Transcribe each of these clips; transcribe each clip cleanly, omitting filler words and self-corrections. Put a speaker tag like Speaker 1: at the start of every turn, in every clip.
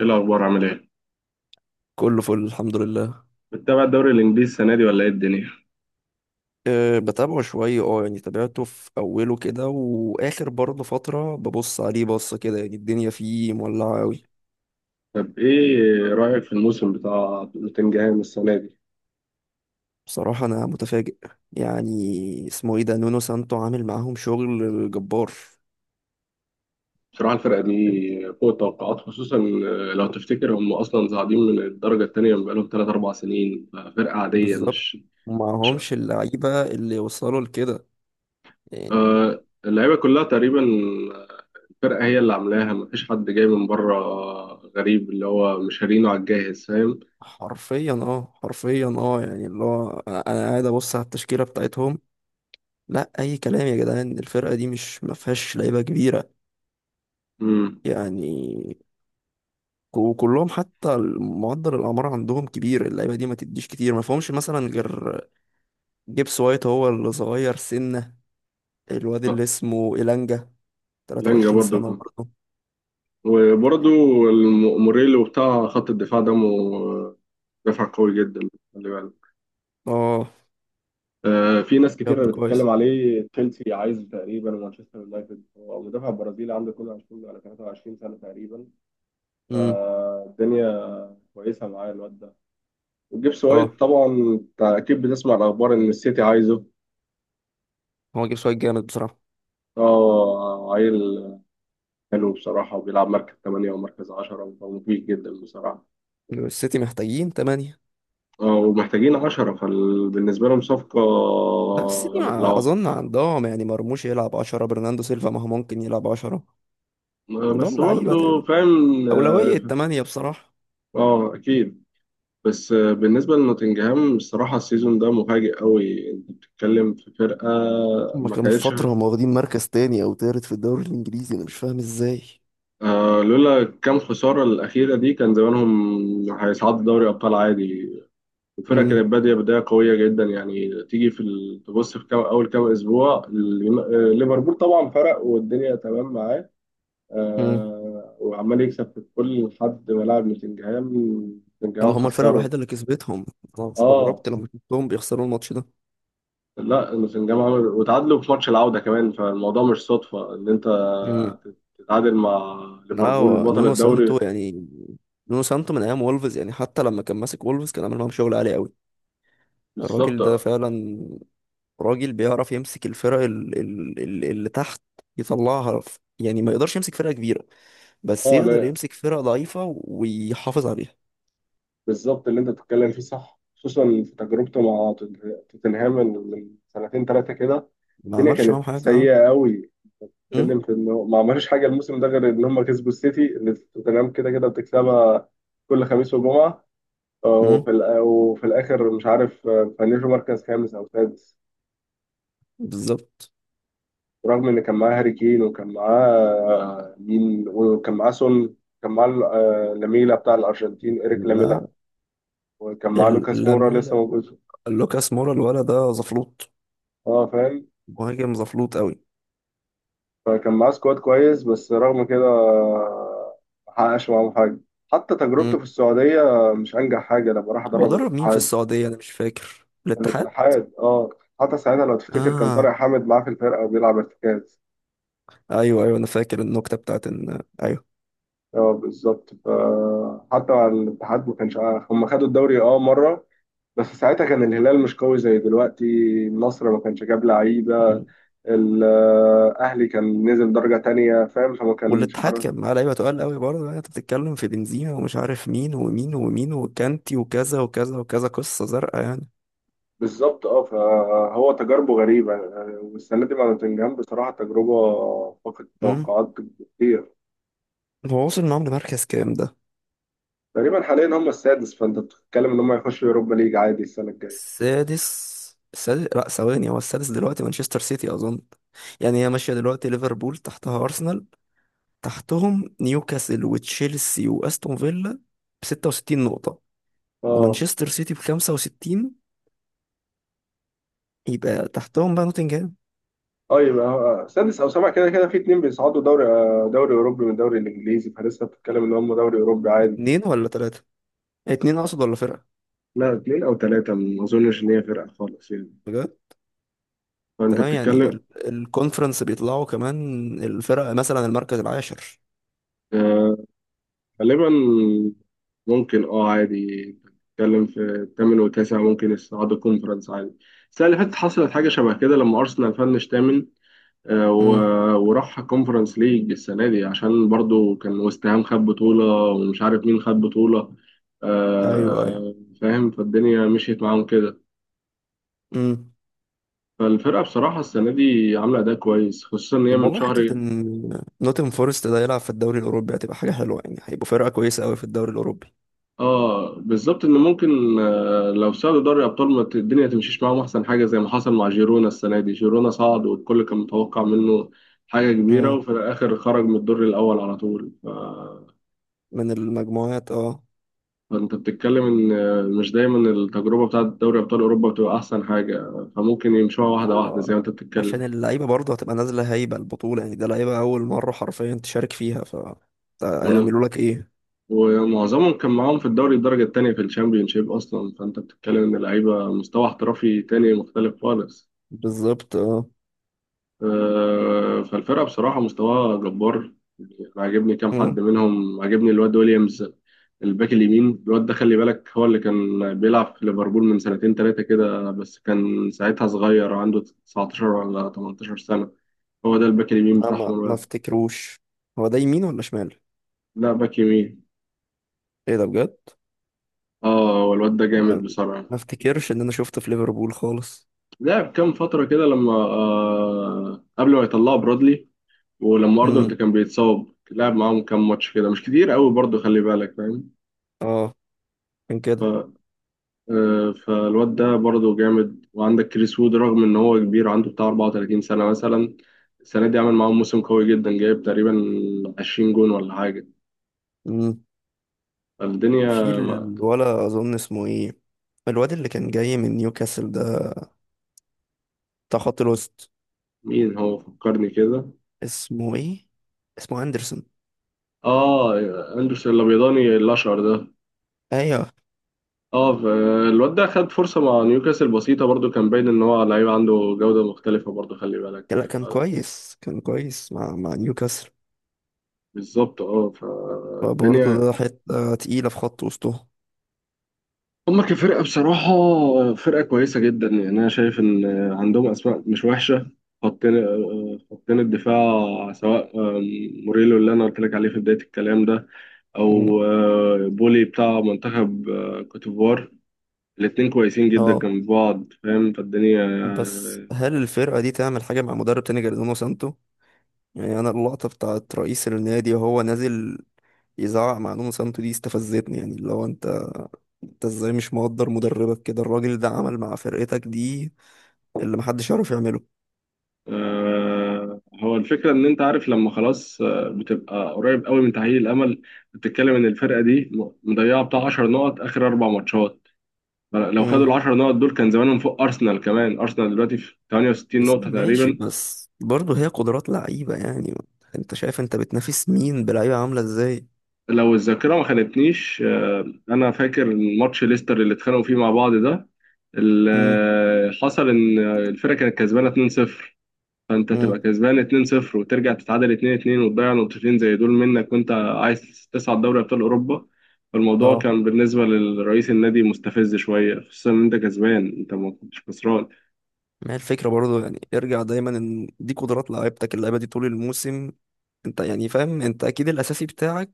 Speaker 1: ايه الاخبار، عامل ايه؟
Speaker 2: كله فل، الحمد لله.
Speaker 1: بتتابع الدوري الانجليزي السنه دي ولا ايه الدنيا؟
Speaker 2: بتابعه شوية، يعني تابعته في أوله كده، وآخر برضه فترة ببص عليه بصة كده. يعني الدنيا فيه مولعة أوي.
Speaker 1: طب ايه رايك في الموسم بتاع نوتنجهام السنه دي؟
Speaker 2: بصراحة أنا متفاجئ. يعني اسمه ايه ده، نونو سانتو عامل معاهم شغل جبار.
Speaker 1: بصراحه الفرقه دي فوق التوقعات. خصوصا لو تفتكر هم اصلا صاعدين من الدرجه الثانيه، من بقالهم 3 4 سنين. فرقه عاديه.
Speaker 2: بالظبط.
Speaker 1: مش.
Speaker 2: ومعهمش اللعيبة اللي وصلوا لكده يعني.
Speaker 1: آه، اللعيبه كلها تقريبا. آه، الفرقه هي اللي عاملاها، مفيش حد جاي من بره. غريب، اللي هو مش شارينه على الجاهز، فاهم.
Speaker 2: حرفيا حرفيا يعني اللي هو أنا قاعد أبص على التشكيلة بتاعتهم. لا، أي كلام يا جدعان، الفرقة دي مش مفيهاش لعيبة كبيرة
Speaker 1: امم
Speaker 2: يعني. وكلهم حتى معدل الاعمار عندهم كبير، اللعيبه دي ما تديش كتير، ما فيهمش مثلا غير جيبس وايت، هو اللي صغير سنه. الواد اللي اسمه إيلانجا
Speaker 1: لانجا
Speaker 2: 23 سنه
Speaker 1: برضو،
Speaker 2: برضه.
Speaker 1: وبرضو موريلو بتاع خط الدفاع ده دفع قوي جدا، خلي بالك.
Speaker 2: اه،
Speaker 1: في ناس كتيرة
Speaker 2: شاب
Speaker 1: بتتكلم
Speaker 2: كويس.
Speaker 1: عليه، تشيلسي عايزه تقريبا ومانشستر يونايتد. هو مدافع برازيلي عنده 22 ولا 23 سنة تقريبا.
Speaker 2: امم.
Speaker 1: فالدنيا كويسة معاه الواد ده. وجيبس
Speaker 2: اه،
Speaker 1: وايت طبعا أنت أكيد بتسمع الأخبار إن السيتي عايزه.
Speaker 2: هو جيبس وايت جامد بصراحه.
Speaker 1: اه، عيل حلو بصراحة، وبيلعب مركز 8 ومركز 10، ومفيد جدا بصراحة.
Speaker 2: السيتي محتاجين تمانية.
Speaker 1: اه، ومحتاجين عشرة، فبالنسبة لهم صفقة.
Speaker 2: بس السيتي
Speaker 1: لا.
Speaker 2: اظن عندهم، يعني مرموش يلعب 10، برناندو سيلفا ما هو ممكن يلعب 10. عندهم
Speaker 1: بس
Speaker 2: لعيبه
Speaker 1: برضه
Speaker 2: تاني.
Speaker 1: فاهم.
Speaker 2: اولويه
Speaker 1: اه،
Speaker 2: تمانية بصراحه.
Speaker 1: اكيد. بس بالنسبة لنوتنجهام الصراحة السيزون ده مفاجئ قوي، انت بتتكلم في فرقة
Speaker 2: هما
Speaker 1: ما
Speaker 2: كانوا في
Speaker 1: كانتش.
Speaker 2: فتره هم واخدين مركز تاني او تالت في الدوري الانجليزي، انا مش فاهم ازاي.
Speaker 1: آه، لولا كام خسارة الأخيرة دي كان زمانهم هيصعدوا دوري أبطال عادي. الفرقة كانت بادية بداية قوية جدا، يعني تيجي في تبص في كام أول كام أسبوع، ليفربول طبعا فرق والدنيا تمام معاه.
Speaker 2: امم.
Speaker 1: آه، وعمال يكسب في كل حد، ولاعب نوتنجهام.
Speaker 2: اه،
Speaker 1: نوتنجهام
Speaker 2: هما الفرقة
Speaker 1: خسره.
Speaker 2: الوحيدة اللي كسبتهم. انا
Speaker 1: اه.
Speaker 2: استغربت لما شفتهم بيخسروا الماتش ده.
Speaker 1: لا، نوتنجهام عمل وتعادلوا في ماتش العودة كمان، فالموضوع مش صدفة ان انت
Speaker 2: امم.
Speaker 1: تتعادل مع
Speaker 2: لا،
Speaker 1: ليفربول
Speaker 2: هو
Speaker 1: بطل
Speaker 2: نونو
Speaker 1: الدوري.
Speaker 2: سانتو يعني. نونو سانتو من ايام وولفز، يعني حتى لما كان ماسك وولفز كان عامل معاهم شغل عالي قوي.
Speaker 1: بالظبط.
Speaker 2: الراجل ده فعلا راجل بيعرف يمسك الفرق اللي تحت، يطلعها يعني ما يقدرش يمسك فرقة كبيرة، بس
Speaker 1: اه،
Speaker 2: يقدر
Speaker 1: لا
Speaker 2: يمسك فرقة ضعيفة ويحافظ عليها.
Speaker 1: بالظبط اللي انت بتتكلم فيه صح، خصوصا في تجربته مع توتنهام من سنتين ثلاثة كده.
Speaker 2: ما
Speaker 1: الدنيا
Speaker 2: عملش
Speaker 1: كانت
Speaker 2: معاهم حاجة.
Speaker 1: سيئة قوي.
Speaker 2: امم.
Speaker 1: اتكلم في انه ما عملوش حاجة الموسم ده غير ان هم كسبوا السيتي، اللي توتنهام كده كده بتكسبها كل خميس وجمعة.
Speaker 2: امم.
Speaker 1: وفي الآخر مش عارف، فنشوا مركز خامس أو سادس.
Speaker 2: بالظبط.
Speaker 1: رغم إن كان معاه هاري كين، وكان معاه آه، مين، وكان معاه سون، كان معاه لاميلا بتاع الأرجنتين، إيريك لاميلا.
Speaker 2: لا،
Speaker 1: وكان معاه لوكاس مورا
Speaker 2: لامين.
Speaker 1: لسه موجود.
Speaker 2: لوكاس مورا الولد ده زفلوط،
Speaker 1: اه فاهم.
Speaker 2: مهاجم زفلوط قوي.
Speaker 1: فكان معاه سكواد كويس، بس رغم كده ما حققش معاهم حاجة. حتى تجربته
Speaker 2: مم.
Speaker 1: في السعودية مش أنجح حاجة، لما راح
Speaker 2: هو
Speaker 1: أدرب
Speaker 2: درب مين في
Speaker 1: الاتحاد.
Speaker 2: السعودية؟ انا مش فاكر، الاتحاد.
Speaker 1: الاتحاد اه. حتى ساعتها لو تفتكر كان طارق
Speaker 2: اه،
Speaker 1: حامد معاه في الفرقة وبيلعب ارتكاز.
Speaker 2: ايوه ايوه، انا فاكر النكتة بتاعت ان ايوه.
Speaker 1: اه بالظبط، فحتى على الاتحاد ما كانش عارف. هم خدوا الدوري اه مره، بس ساعتها كان الهلال مش قوي زي دلوقتي. النصر ما كانش جاب لعيبه.
Speaker 2: مم.
Speaker 1: الاهلي كان نزل درجه تانية، فاهم، فما كانش
Speaker 2: والاتحاد
Speaker 1: حر.
Speaker 2: كان معاه لعيبة تقال قوي برضه، يعني انت بتتكلم في بنزيما ومش عارف مين ومين ومين وكانتي وكذا وكذا وكذا، قصة زرقاء يعني.
Speaker 1: بالظبط اه، فهو تجاربه غريبه. والسنه دي مع نوتنجهام بصراحه تجربه فقدت
Speaker 2: امم.
Speaker 1: التوقعات كتير.
Speaker 2: هو وصل معاهم لمركز كام ده؟
Speaker 1: تقريبا حاليا هم السادس، فانت بتتكلم ان هم يخشوا يوروبا ليج عادي السنه الجايه.
Speaker 2: السادس. السادس، لا ثواني، هو السادس دلوقتي مانشستر سيتي اظن. يعني هي ماشية دلوقتي ليفربول تحتها ارسنال، تحتهم نيوكاسل وتشيلسي واستون فيلا ب 66 نقطة،
Speaker 1: اه.
Speaker 2: ومانشستر سيتي ب 65. يبقى تحتهم بقى نوتنجهام.
Speaker 1: اه، يبقى سادس او سابع كده كده. في اتنين بيصعدوا دوري دوري اوروبي من الدوري الانجليزي، فلسه بتتكلم ان هم دوري اوروبي عادي.
Speaker 2: اتنين ولا تلاتة؟ اتنين اقصد ولا فرقة؟
Speaker 1: لا اتنين او تلاته، ما اظنش ان هي فرقه خالص يعني.
Speaker 2: بجد.
Speaker 1: فانت
Speaker 2: تمام يعني
Speaker 1: بتتكلم.
Speaker 2: الكونفرنس بيطلعوا كمان الفرق مثلا المركز العاشر.
Speaker 1: آه، غالبا ممكن، اه عادي، انت بتتكلم في الثامن والتاسع ممكن يصعدوا كونفرنس عادي. السنه اللي فاتت حصلت حاجه شبه كده، لما ارسنال فنش ثامن
Speaker 2: امم.
Speaker 1: وراح كونفرنس ليج السنة دي، عشان برضو كان ويست هام خد بطولة ومش عارف مين خد بطولة.
Speaker 2: ايوه ايوه.
Speaker 1: آه، فاهم، فالدنيا مشيت معاهم كده.
Speaker 2: امم.
Speaker 1: فالفرقة بصراحة السنة دي عاملة أداء كويس، خصوصا إن هي
Speaker 2: طب
Speaker 1: من
Speaker 2: والله حتة
Speaker 1: شهر.
Speaker 2: ان نوتن فورست ده يلعب في الدوري الاوروبي هتبقى حاجة حلوة، يعني هيبقوا فرقة كويسة قوي في الدوري الاوروبي.
Speaker 1: اه بالظبط، إن ممكن لو صعدوا دوري أبطال ما ت- الدنيا تمشيش معاهم أحسن حاجة، زي ما حصل مع جيرونا السنة دي. جيرونا صعد والكل كان متوقع منه حاجة كبيرة،
Speaker 2: امم.
Speaker 1: وفي الآخر خرج من الدور الأول على طول.
Speaker 2: من المجموعات اه.
Speaker 1: فانت بتتكلم ان مش دايما التجربه بتاعت دوري ابطال اوروبا بتبقى احسن حاجه، فممكن يمشوها واحده واحده
Speaker 2: هو
Speaker 1: زي ما انت بتتكلم.
Speaker 2: عشان اللعيبة برضه هتبقى نازلة هايبة البطولة، يعني ده لعيبة أول مرة حرفيا تشارك فيها، ف ده
Speaker 1: ون-
Speaker 2: هيعملوا لك إيه.
Speaker 1: ومعظمهم كان معاهم في الدوري الدرجه الثانيه في الشامبيونشيب اصلا، فانت بتتكلم ان اللعيبه مستوى احترافي تاني مختلف خالص.
Speaker 2: بالظبط اه.
Speaker 1: فالفرقه بصراحه مستواها جبار. انا عاجبني كام حد
Speaker 2: مم.
Speaker 1: منهم. عاجبني الواد ويليامز، الباك اليمين. الواد ده خلي بالك هو اللي كان بيلعب في ليفربول من سنتين ثلاثه كده، بس كان ساعتها صغير، عنده 19 ولا 18 سنه. هو ده الباك اليمين
Speaker 2: لا،
Speaker 1: بتاعهم
Speaker 2: ما
Speaker 1: الواد.
Speaker 2: افتكروش. هو ده يمين ولا شمال؟
Speaker 1: لا باك يمين.
Speaker 2: إيه ده بجد؟
Speaker 1: اه، هو الواد ده جامد
Speaker 2: لا،
Speaker 1: بصراحة.
Speaker 2: ما افتكرش إن أنا شفته في ليفربول خالص.
Speaker 1: لعب كام فترة كده لما آه، قبل ما يطلعوا برادلي ولما أرنولد
Speaker 2: امم.
Speaker 1: كان بيتصاب، لعب معاهم كام ماتش كده، مش كتير قوي برضه، خلي بالك فاهم.
Speaker 2: اه، كان كده.
Speaker 1: ف... آه فالواد ده برضه جامد. وعندك كريس وود، رغم إن هو كبير، عنده بتاع 34 سنة مثلا، السنة دي عمل معاهم موسم قوي جدا، جايب تقريبا 20 جون ولا حاجة.
Speaker 2: امم. في
Speaker 1: فالدنيا
Speaker 2: الولا أظن اسمه إيه الواد اللي كان جاي من نيوكاسل ده بتاع خط الوسط.
Speaker 1: مين هو فكرني كده؟
Speaker 2: اسمه إيه؟ اسمه أندرسون.
Speaker 1: اه، آه، اندرسون الابيضاني الاشقر ده.
Speaker 2: ايوه.
Speaker 1: اه ف- الواد ده خد فرصة مع نيوكاسل بسيطة، برضو كان باين ان هو لعيب عنده جودة مختلفة، برضو خلي بالك.
Speaker 2: لا،
Speaker 1: ف-
Speaker 2: كان كويس، كان كويس مع نيوكاسل.
Speaker 1: بالظبط اه،
Speaker 2: فبرضه
Speaker 1: فالدنيا.
Speaker 2: ده حتة تقيلة في خط وسطهم.
Speaker 1: هما كفرقة بصراحة فرقة كويسة جدا، يعني انا شايف ان عندهم اسماء مش وحشة. خطين الدفاع سواء موريلو اللي انا قلت لك عليه في بداية الكلام ده،
Speaker 2: مم.
Speaker 1: او بولي بتاع منتخب كوتيفوار، الاتنين كويسين جدا
Speaker 2: اه.
Speaker 1: جنب بعض، فاهم، فالدنيا.
Speaker 2: بس هل الفرقة دي تعمل حاجة مع مدرب تاني غير نونو سانتو؟ يعني أنا اللقطة بتاعت رئيس النادي وهو نازل يزعق مع نونو سانتو دي استفزتني، يعني اللي هو انت، انت ازاي مش مقدر مدربك كده؟ الراجل ده عمل مع فرقتك دي اللي محدش يعرف يعمله.
Speaker 1: هو الفكرة إن أنت عارف لما خلاص بتبقى قريب قوي من تأهيل الأمل، بتتكلم إن الفرقة دي مضيعة بتاع 10 نقط آخر أربع ماتشات. لو خدوا ال
Speaker 2: امم.
Speaker 1: 10 نقط دول كان زمانهم فوق أرسنال كمان. أرسنال دلوقتي في
Speaker 2: يا
Speaker 1: 68
Speaker 2: سيدي
Speaker 1: نقطة
Speaker 2: ماشي،
Speaker 1: تقريبا.
Speaker 2: بس برضه هي قدرات لعيبة يعني. انت شايف انت بتنافس مين بلعيبة عاملة ازاي؟
Speaker 1: لو الذاكرة ما خانتنيش، أنا فاكر ماتش ليستر اللي اتخانقوا فيه مع بعض ده. اللي حصل إن الفرقة كانت كسبانة 2-0، فانت تبقى
Speaker 2: امم
Speaker 1: كسبان 2-0 وترجع تتعادل 2-2 وتضيع نقطتين زي دول منك وانت عايز تصعد دوري ابطال اوروبا. فالموضوع
Speaker 2: اه.
Speaker 1: كان بالنسبه لرئيس النادي مستفز شويه، خصوصا ان انت كسبان، انت ما كنتش خسران.
Speaker 2: ما هي الفكرة برضو، يعني ارجع دايما ان دي قدرات لعيبتك، اللعيبة دي طول الموسم انت يعني فاهم، انت اكيد الاساسي بتاعك.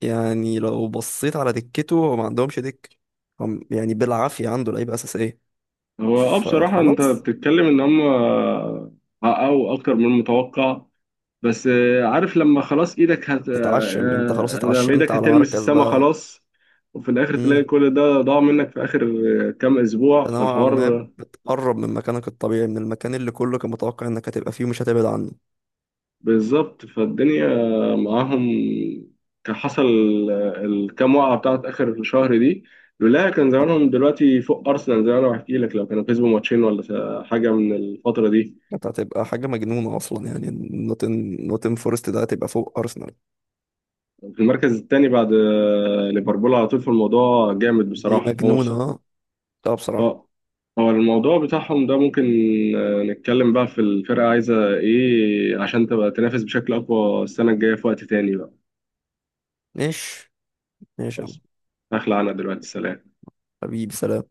Speaker 2: يعني لو بصيت على دكته هو ما عندهمش دك، هم يعني بالعافية عنده لعيبة اساسية،
Speaker 1: اه بصراحه انت
Speaker 2: فخلاص.
Speaker 1: بتتكلم ان هم حققوا اكتر من المتوقع، بس عارف لما خلاص ايدك هت... آه،
Speaker 2: تتعشم انت، خلاص
Speaker 1: آه، لما
Speaker 2: اتعشمت
Speaker 1: ايدك
Speaker 2: على
Speaker 1: هتلمس
Speaker 2: مركز
Speaker 1: السما
Speaker 2: بقى.
Speaker 1: خلاص، وفي الاخر تلاقي
Speaker 2: امم.
Speaker 1: كل ده ضاع منك في اخر كام اسبوع،
Speaker 2: نوعا ما
Speaker 1: فالحوار.
Speaker 2: بتقرب من مكانك الطبيعي، من المكان اللي كله كان متوقع انك هتبقى فيه ومش هتبعد عنه.
Speaker 1: بالظبط، فالدنيا معاهم كان حصل الكام وقعة بتاعت آخر الشهر دي، لولاها كان زمانهم دلوقتي فوق أرسنال، زي ما أنا بحكي لك، لو كانوا كسبوا ماتشين حاجة من الفترة دي،
Speaker 2: انت هتبقى حاجة مجنونة اصلا يعني. نوتن فورست ده هتبقى فوق ارسنال.
Speaker 1: في المركز الثاني بعد ليفربول على طول. في الموضوع جامد
Speaker 2: دي
Speaker 1: بصراحة. هو بص-
Speaker 2: مجنونة اه. آه، بصراحة.
Speaker 1: هو هو الموضوع بتاعهم ده ممكن نتكلم بقى في الفرقة عايزة إيه عشان تبقى تنافس بشكل أقوى السنة الجاية في وقت تاني بقى.
Speaker 2: ماشي، ماشي يا عم.
Speaker 1: خلاص، هخلع أنا دلوقتي، سلام.
Speaker 2: حبيبي، سلام.